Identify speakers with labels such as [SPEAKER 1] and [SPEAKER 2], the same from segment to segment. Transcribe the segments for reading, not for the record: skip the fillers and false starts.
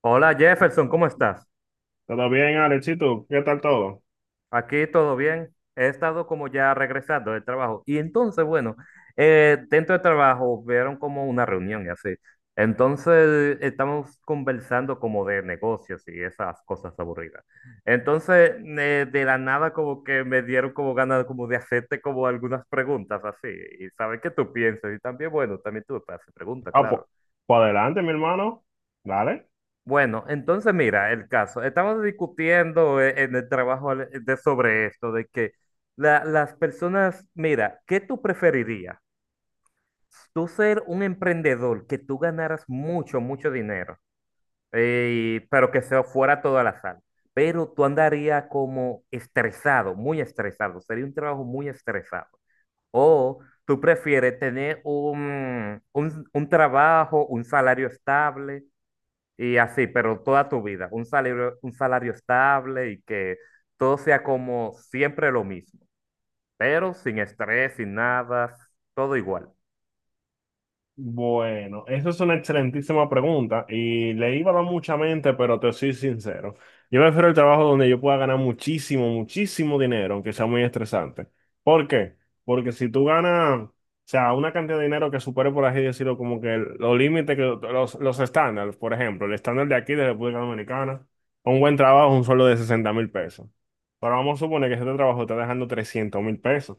[SPEAKER 1] Hola Jefferson, ¿cómo estás?
[SPEAKER 2] ¿Todo bien, Alexito? ¿Qué tal todo?
[SPEAKER 1] Aquí todo bien. He estado como ya regresando del trabajo. Y entonces, bueno, dentro del trabajo vieron como una reunión y así. Entonces estamos conversando como de negocios y esas cosas aburridas. Entonces, de la nada como que me dieron como ganas como de hacerte como algunas preguntas así y saber qué tú piensas. Y también, bueno, también tú te haces preguntas,
[SPEAKER 2] Ah, pues,
[SPEAKER 1] claro.
[SPEAKER 2] pues adelante, mi hermano. Dale.
[SPEAKER 1] Bueno, entonces mira, el caso. Estamos discutiendo en el trabajo de, sobre esto, de que las personas, mira, ¿qué tú preferirías? Tú ser un emprendedor, que tú ganaras mucho, mucho dinero, pero que se fuera todo la sal, pero tú andarías como estresado, muy estresado, sería un trabajo muy estresado. O tú prefieres tener un trabajo, un salario estable y así, pero toda tu vida, un salario estable y que todo sea como siempre lo mismo, pero sin estrés, sin nada, todo igual.
[SPEAKER 2] Bueno, esa es una excelentísima pregunta y le iba a dar mucha mente, pero te soy sincero. Yo prefiero el trabajo donde yo pueda ganar muchísimo, muchísimo dinero, aunque sea muy estresante. ¿Por qué? Porque si tú ganas, o sea, una cantidad de dinero que supere, por así decirlo, como que los límites, que los estándares, por ejemplo, el estándar de aquí de República Dominicana, un buen trabajo, un sueldo de 60,000 pesos. Pero vamos a suponer que este trabajo está dejando 300,000 pesos.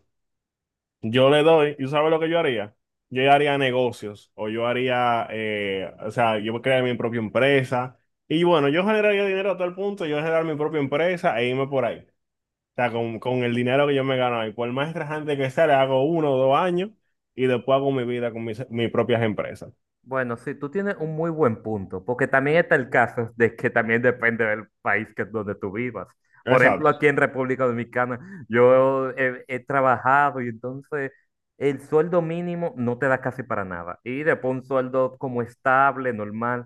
[SPEAKER 2] Yo le doy, ¿y tú sabes lo que yo haría? Yo ya haría negocios o yo haría, o sea, yo crearía mi propia empresa y bueno, yo generaría dinero a tal punto, yo generar mi propia empresa e irme por ahí. O sea, con el dinero que yo me gano ahí, por más estresante que sea, le hago uno o dos años y después hago mi vida con mis propias empresas.
[SPEAKER 1] Bueno, sí, tú tienes un muy buen punto, porque también está el caso de que también depende del país que, donde tú vivas. Por ejemplo,
[SPEAKER 2] Exacto.
[SPEAKER 1] aquí en República Dominicana, yo he, he trabajado y entonces el sueldo mínimo no te da casi para nada. Y después un sueldo como estable, normal,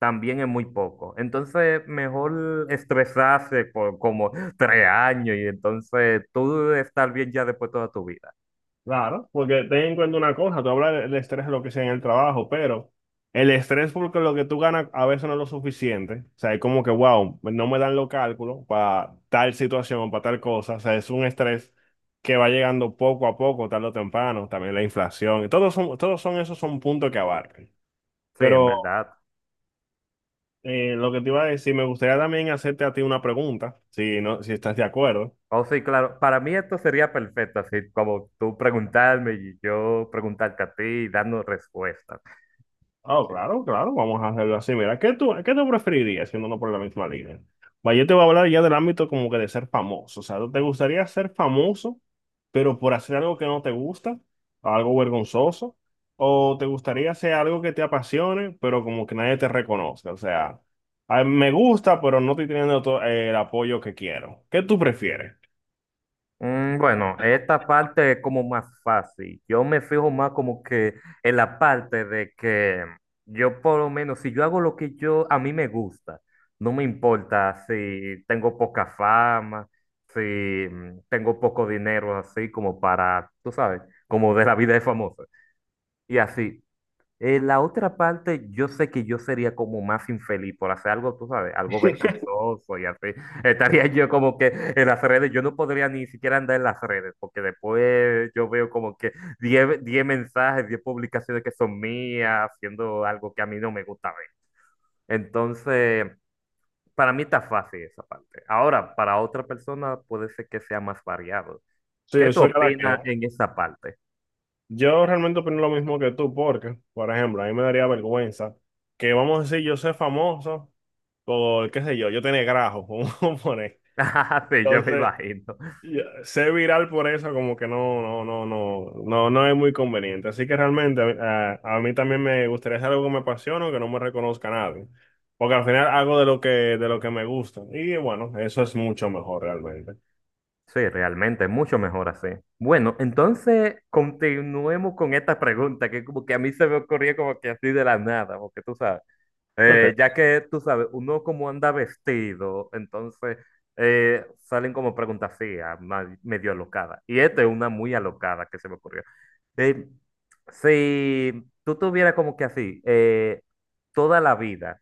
[SPEAKER 1] también es muy poco. Entonces, mejor estresarse por como tres años y entonces tú estar bien ya después toda tu vida.
[SPEAKER 2] Claro, porque ten en cuenta una cosa, tú hablas del estrés de lo que sea en el trabajo, pero el estrés porque lo que tú ganas a veces no es lo suficiente. O sea, es como que, wow, no me dan los cálculos para tal situación o para tal cosa. O sea, es un estrés que va llegando poco a poco, tarde o temprano, también la inflación. Todos son esos son puntos que abarcan.
[SPEAKER 1] Sí, en
[SPEAKER 2] Pero
[SPEAKER 1] verdad.
[SPEAKER 2] lo que te iba a decir, me gustaría también hacerte a ti una pregunta, si no, si estás de acuerdo.
[SPEAKER 1] Oh, sí, claro. Para mí esto sería perfecto, así como tú preguntarme y yo preguntarte a ti y darnos respuestas.
[SPEAKER 2] Ah, claro, claro, vamos a hacerlo así. Mira, ¿ qué tú preferirías siendo no por la misma línea? Va, yo te voy a hablar ya del ámbito como que de ser famoso. O sea, ¿te gustaría ser famoso, pero por hacer algo que no te gusta, algo vergonzoso? ¿O te gustaría hacer algo que te apasione, pero como que nadie te reconozca? O sea, "Ay, me gusta, pero no estoy teniendo el apoyo que quiero". ¿Qué tú prefieres?
[SPEAKER 1] Bueno, esta parte es como más fácil. Yo me fijo más como que en la parte de que yo por lo menos, si yo hago lo que yo a mí me gusta, no me importa si tengo poca fama, si tengo poco dinero, así como para, tú sabes, como de la vida de famoso. Y así, la otra parte, yo sé que yo sería como más infeliz por hacer algo, tú sabes, algo vergonzoso y así. Estaría yo como que en las redes, yo no podría ni siquiera andar en las redes, porque después yo veo como que diez mensajes, 10 publicaciones que son mías, haciendo algo que a mí no me gusta ver. Entonces, para mí está fácil esa parte. Ahora, para otra persona puede ser que sea más variado.
[SPEAKER 2] Sí,
[SPEAKER 1] ¿Qué tú
[SPEAKER 2] eso era la que.
[SPEAKER 1] opinas en esa parte?
[SPEAKER 2] Yo realmente opino lo mismo que tú, porque, por ejemplo, a mí me daría vergüenza que, vamos a decir, yo soy famoso por, qué sé yo, yo tenía grajo, como poner.
[SPEAKER 1] Sí, yo me
[SPEAKER 2] Entonces,
[SPEAKER 1] imagino.
[SPEAKER 2] yo ser viral por eso como que no, no, no, no, no, no es muy conveniente. Así que realmente a mí también me gustaría hacer algo que me apasione o que no me reconozca nadie. Porque al final hago de lo que me gusta. Y bueno, eso es mucho mejor realmente.
[SPEAKER 1] Sí, realmente, mucho mejor así. Bueno, entonces continuemos con esta pregunta que como que a mí se me ocurrió como que así de la nada, porque tú sabes, ya
[SPEAKER 2] Ok.
[SPEAKER 1] que tú sabes, uno como anda vestido, entonces salen como preguntas así, medio alocadas. Y esta es una muy alocada que se me ocurrió. Eh, si tú tuvieras como que así, toda la vida,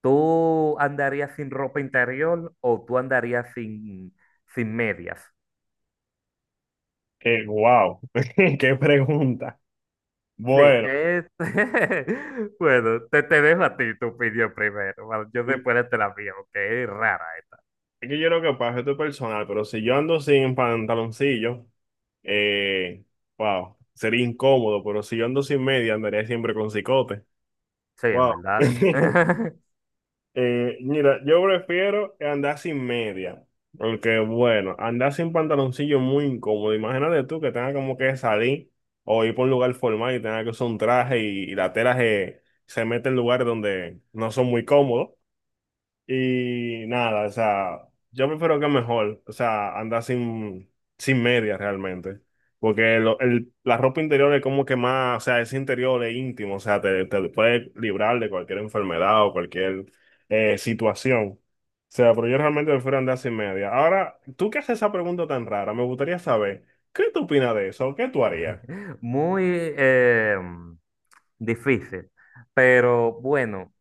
[SPEAKER 1] ¿tú andarías sin ropa interior o tú andarías sin, sin medias?
[SPEAKER 2] Wow. Qué pregunta.
[SPEAKER 1] Sí,
[SPEAKER 2] Bueno.
[SPEAKER 1] es bueno, te dejo a ti tu opinión primero. Bueno, yo después te la mía, que es rara.
[SPEAKER 2] Es que yo lo que pasa, esto es personal, pero si yo ando sin pantaloncillo, eh, wow, sería incómodo, pero si yo ando sin media, andaría siempre con cicote.
[SPEAKER 1] Sí, en
[SPEAKER 2] Wow.
[SPEAKER 1] verdad.
[SPEAKER 2] Mira, yo prefiero andar sin media, porque bueno, andar sin pantaloncillo es muy incómodo. Imagínate tú que tengas como que salir o ir por un lugar formal y tengas que usar un traje y la tela se, se mete en lugares donde no son muy cómodos. Y nada, o sea, yo prefiero que mejor, o sea, andar sin, sin medias realmente. Porque la ropa interior es como que más, o sea, es interior, es íntimo, o sea, te puede librar de cualquier enfermedad o cualquier situación. O sea, pero yo realmente prefiero andar sin medias. Ahora, tú que haces esa pregunta tan rara, me gustaría saber, ¿qué tú opinas de eso? ¿Qué tú harías?
[SPEAKER 1] Muy eh, mm, difícil. Pero bueno,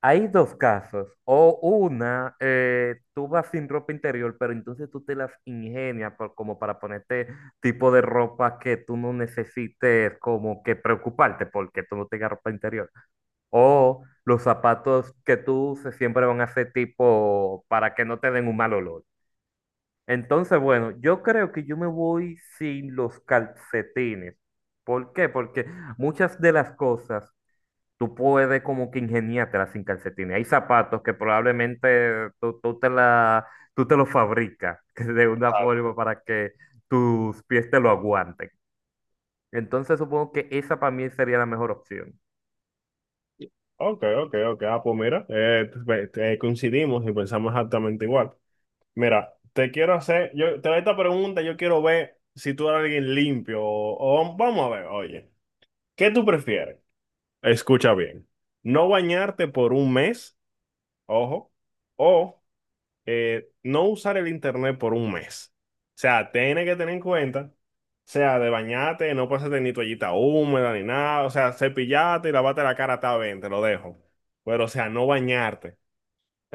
[SPEAKER 1] hay dos casos. O una, tú vas sin ropa interior, pero entonces tú te las ingenias como para ponerte tipo de ropa que tú no necesites como que preocuparte porque tú no tengas ropa interior. O los zapatos que tú uses siempre van a ser tipo para que no te den un mal olor. Entonces, bueno, yo creo que yo me voy sin los calcetines. ¿Por qué? Porque muchas de las cosas tú puedes como que ingeniártelas sin calcetines. Hay zapatos que probablemente tú, tú te la, tú te los fabricas de una
[SPEAKER 2] Ah,
[SPEAKER 1] forma para que tus pies te lo aguanten. Entonces supongo que esa para mí sería la mejor opción.
[SPEAKER 2] Ok, ok, ok. Ah, pues mira, coincidimos y pensamos exactamente igual. Mira, te quiero hacer, yo te hago esta pregunta, yo quiero ver si tú eres alguien limpio o vamos a ver, oye, ¿qué tú prefieres? Escucha bien, no bañarte por un mes, ojo, o no usar el internet por un mes. O sea, tienes que tener en cuenta, o sea, de bañarte, no pasarte ni toallita húmeda ni nada, o sea, cepillate y lavate la cara, está bien, te lo dejo. Pero, o sea, no bañarte.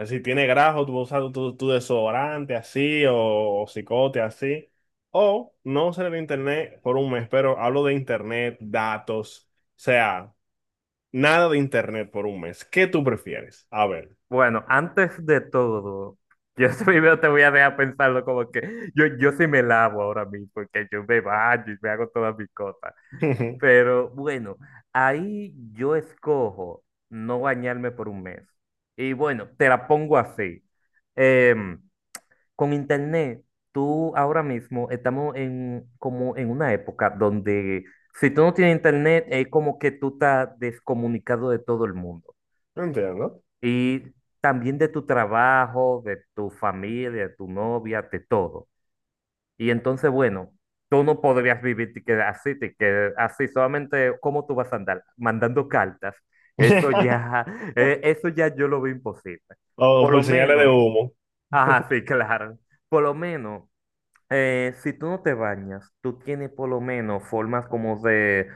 [SPEAKER 2] Si tiene grajo, tú usas tu desodorante así o cicote así. O no usar el internet por un mes, pero hablo de internet, datos, o sea, nada de internet por un mes. ¿Qué tú prefieres? A ver.
[SPEAKER 1] Bueno, antes de todo, yo primero te voy a dejar pensarlo como que yo sí me lavo ahora mismo, porque yo me baño y me hago todas mis cosas. Pero bueno, ahí yo escojo no bañarme por un mes. Y bueno, te la pongo así. Em, con internet, tú ahora mismo estamos en, como en una época donde si tú no tienes internet, es como que tú estás descomunicado de todo el mundo
[SPEAKER 2] No entiendo.
[SPEAKER 1] y también de tu trabajo, de tu familia, de tu novia, de todo. Y entonces, bueno, tú no podrías vivir te quedas así, solamente cómo tú vas a andar mandando cartas. Eso ya, eso ya yo lo veo imposible.
[SPEAKER 2] O
[SPEAKER 1] Por lo
[SPEAKER 2] por señales de
[SPEAKER 1] menos,
[SPEAKER 2] humo.
[SPEAKER 1] ajá, sí, claro. Por lo menos si tú no te bañas, tú tienes por lo menos formas como de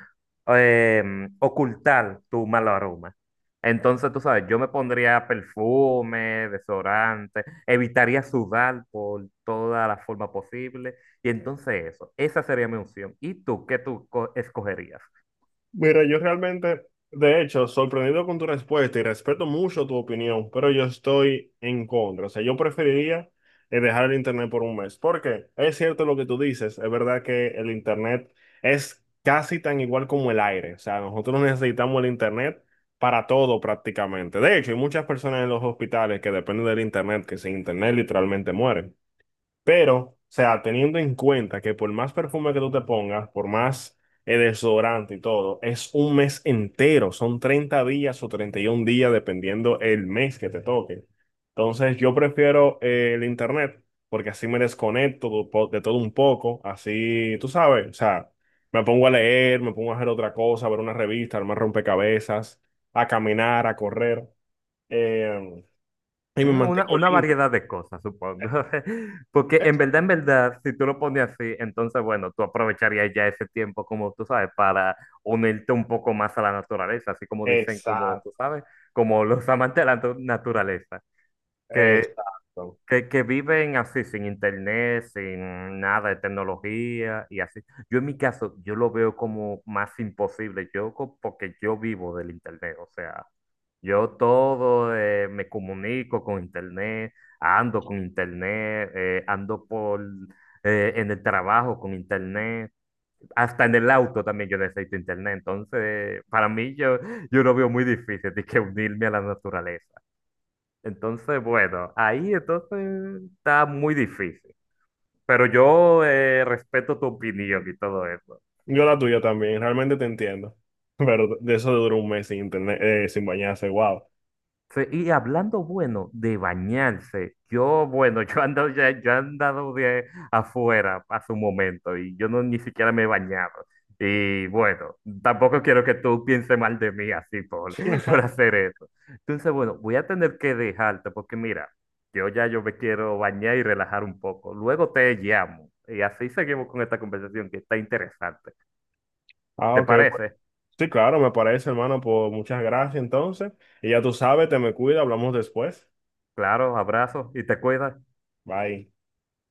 [SPEAKER 1] ocultar tu mal aroma. Entonces, tú sabes, yo me pondría perfume, desodorante, evitaría sudar por toda la forma posible. Y entonces eso, esa sería mi opción. ¿Y tú qué tú escogerías?
[SPEAKER 2] Mira, yo realmente, de hecho, sorprendido con tu respuesta y respeto mucho tu opinión, pero yo estoy en contra. O sea, yo preferiría dejar el internet por un mes, porque es cierto lo que tú dices, es verdad que el internet es casi tan igual como el aire. O sea, nosotros necesitamos el internet para todo prácticamente. De hecho, hay muchas personas en los hospitales que dependen del internet, que sin internet literalmente mueren. Pero, o sea, teniendo en cuenta que por más perfume que tú te pongas, por más desodorante y todo, es un mes entero, son 30 días o 31 días, dependiendo el mes que te toque. Entonces, yo prefiero el internet, porque así me desconecto de de todo un poco, así, tú sabes, o sea, me pongo a leer, me pongo a hacer otra cosa, a ver una revista, armar rompecabezas, a caminar, a correr, eh, y me mantengo
[SPEAKER 1] Una
[SPEAKER 2] limpio.
[SPEAKER 1] variedad de cosas, supongo. Porque en verdad, si tú lo pones así, entonces, bueno, tú aprovecharías ya ese tiempo, como tú sabes, para unirte un poco más a la naturaleza, así como dicen, como tú
[SPEAKER 2] Exacto.
[SPEAKER 1] sabes, como los amantes de la naturaleza, que
[SPEAKER 2] Exacto.
[SPEAKER 1] que viven así, sin internet, sin nada de tecnología y así. Yo en mi caso, yo lo veo como más imposible, yo porque yo vivo del internet, o sea, yo todo me comunico con internet, ando por en el trabajo con internet, hasta en el auto también yo necesito internet, entonces para mí yo, yo lo veo muy difícil de que unirme a la naturaleza. Entonces, bueno, ahí entonces está muy difícil. Pero yo respeto tu opinión y todo eso.
[SPEAKER 2] Yo la tuya también, realmente te entiendo. Pero de eso duró un mes sin internet, sin bañarse, wow.
[SPEAKER 1] Sí, y hablando, bueno, de bañarse, yo, bueno, yo ando, ya, yo he andado de afuera hace un momento y yo no ni siquiera me he bañado. Y bueno, tampoco quiero que tú pienses mal de mí así por, por hacer eso. Entonces, bueno, voy a tener que dejarte porque mira, yo ya yo me quiero bañar y relajar un poco. Luego te llamo y así seguimos con esta conversación que está interesante.
[SPEAKER 2] Ah,
[SPEAKER 1] ¿Te
[SPEAKER 2] ok, pues
[SPEAKER 1] parece?
[SPEAKER 2] sí, claro, me parece, hermano, pues muchas gracias entonces. Y ya tú sabes, te me cuida, hablamos después.
[SPEAKER 1] Claro, abrazos y te cuidas.
[SPEAKER 2] Bye.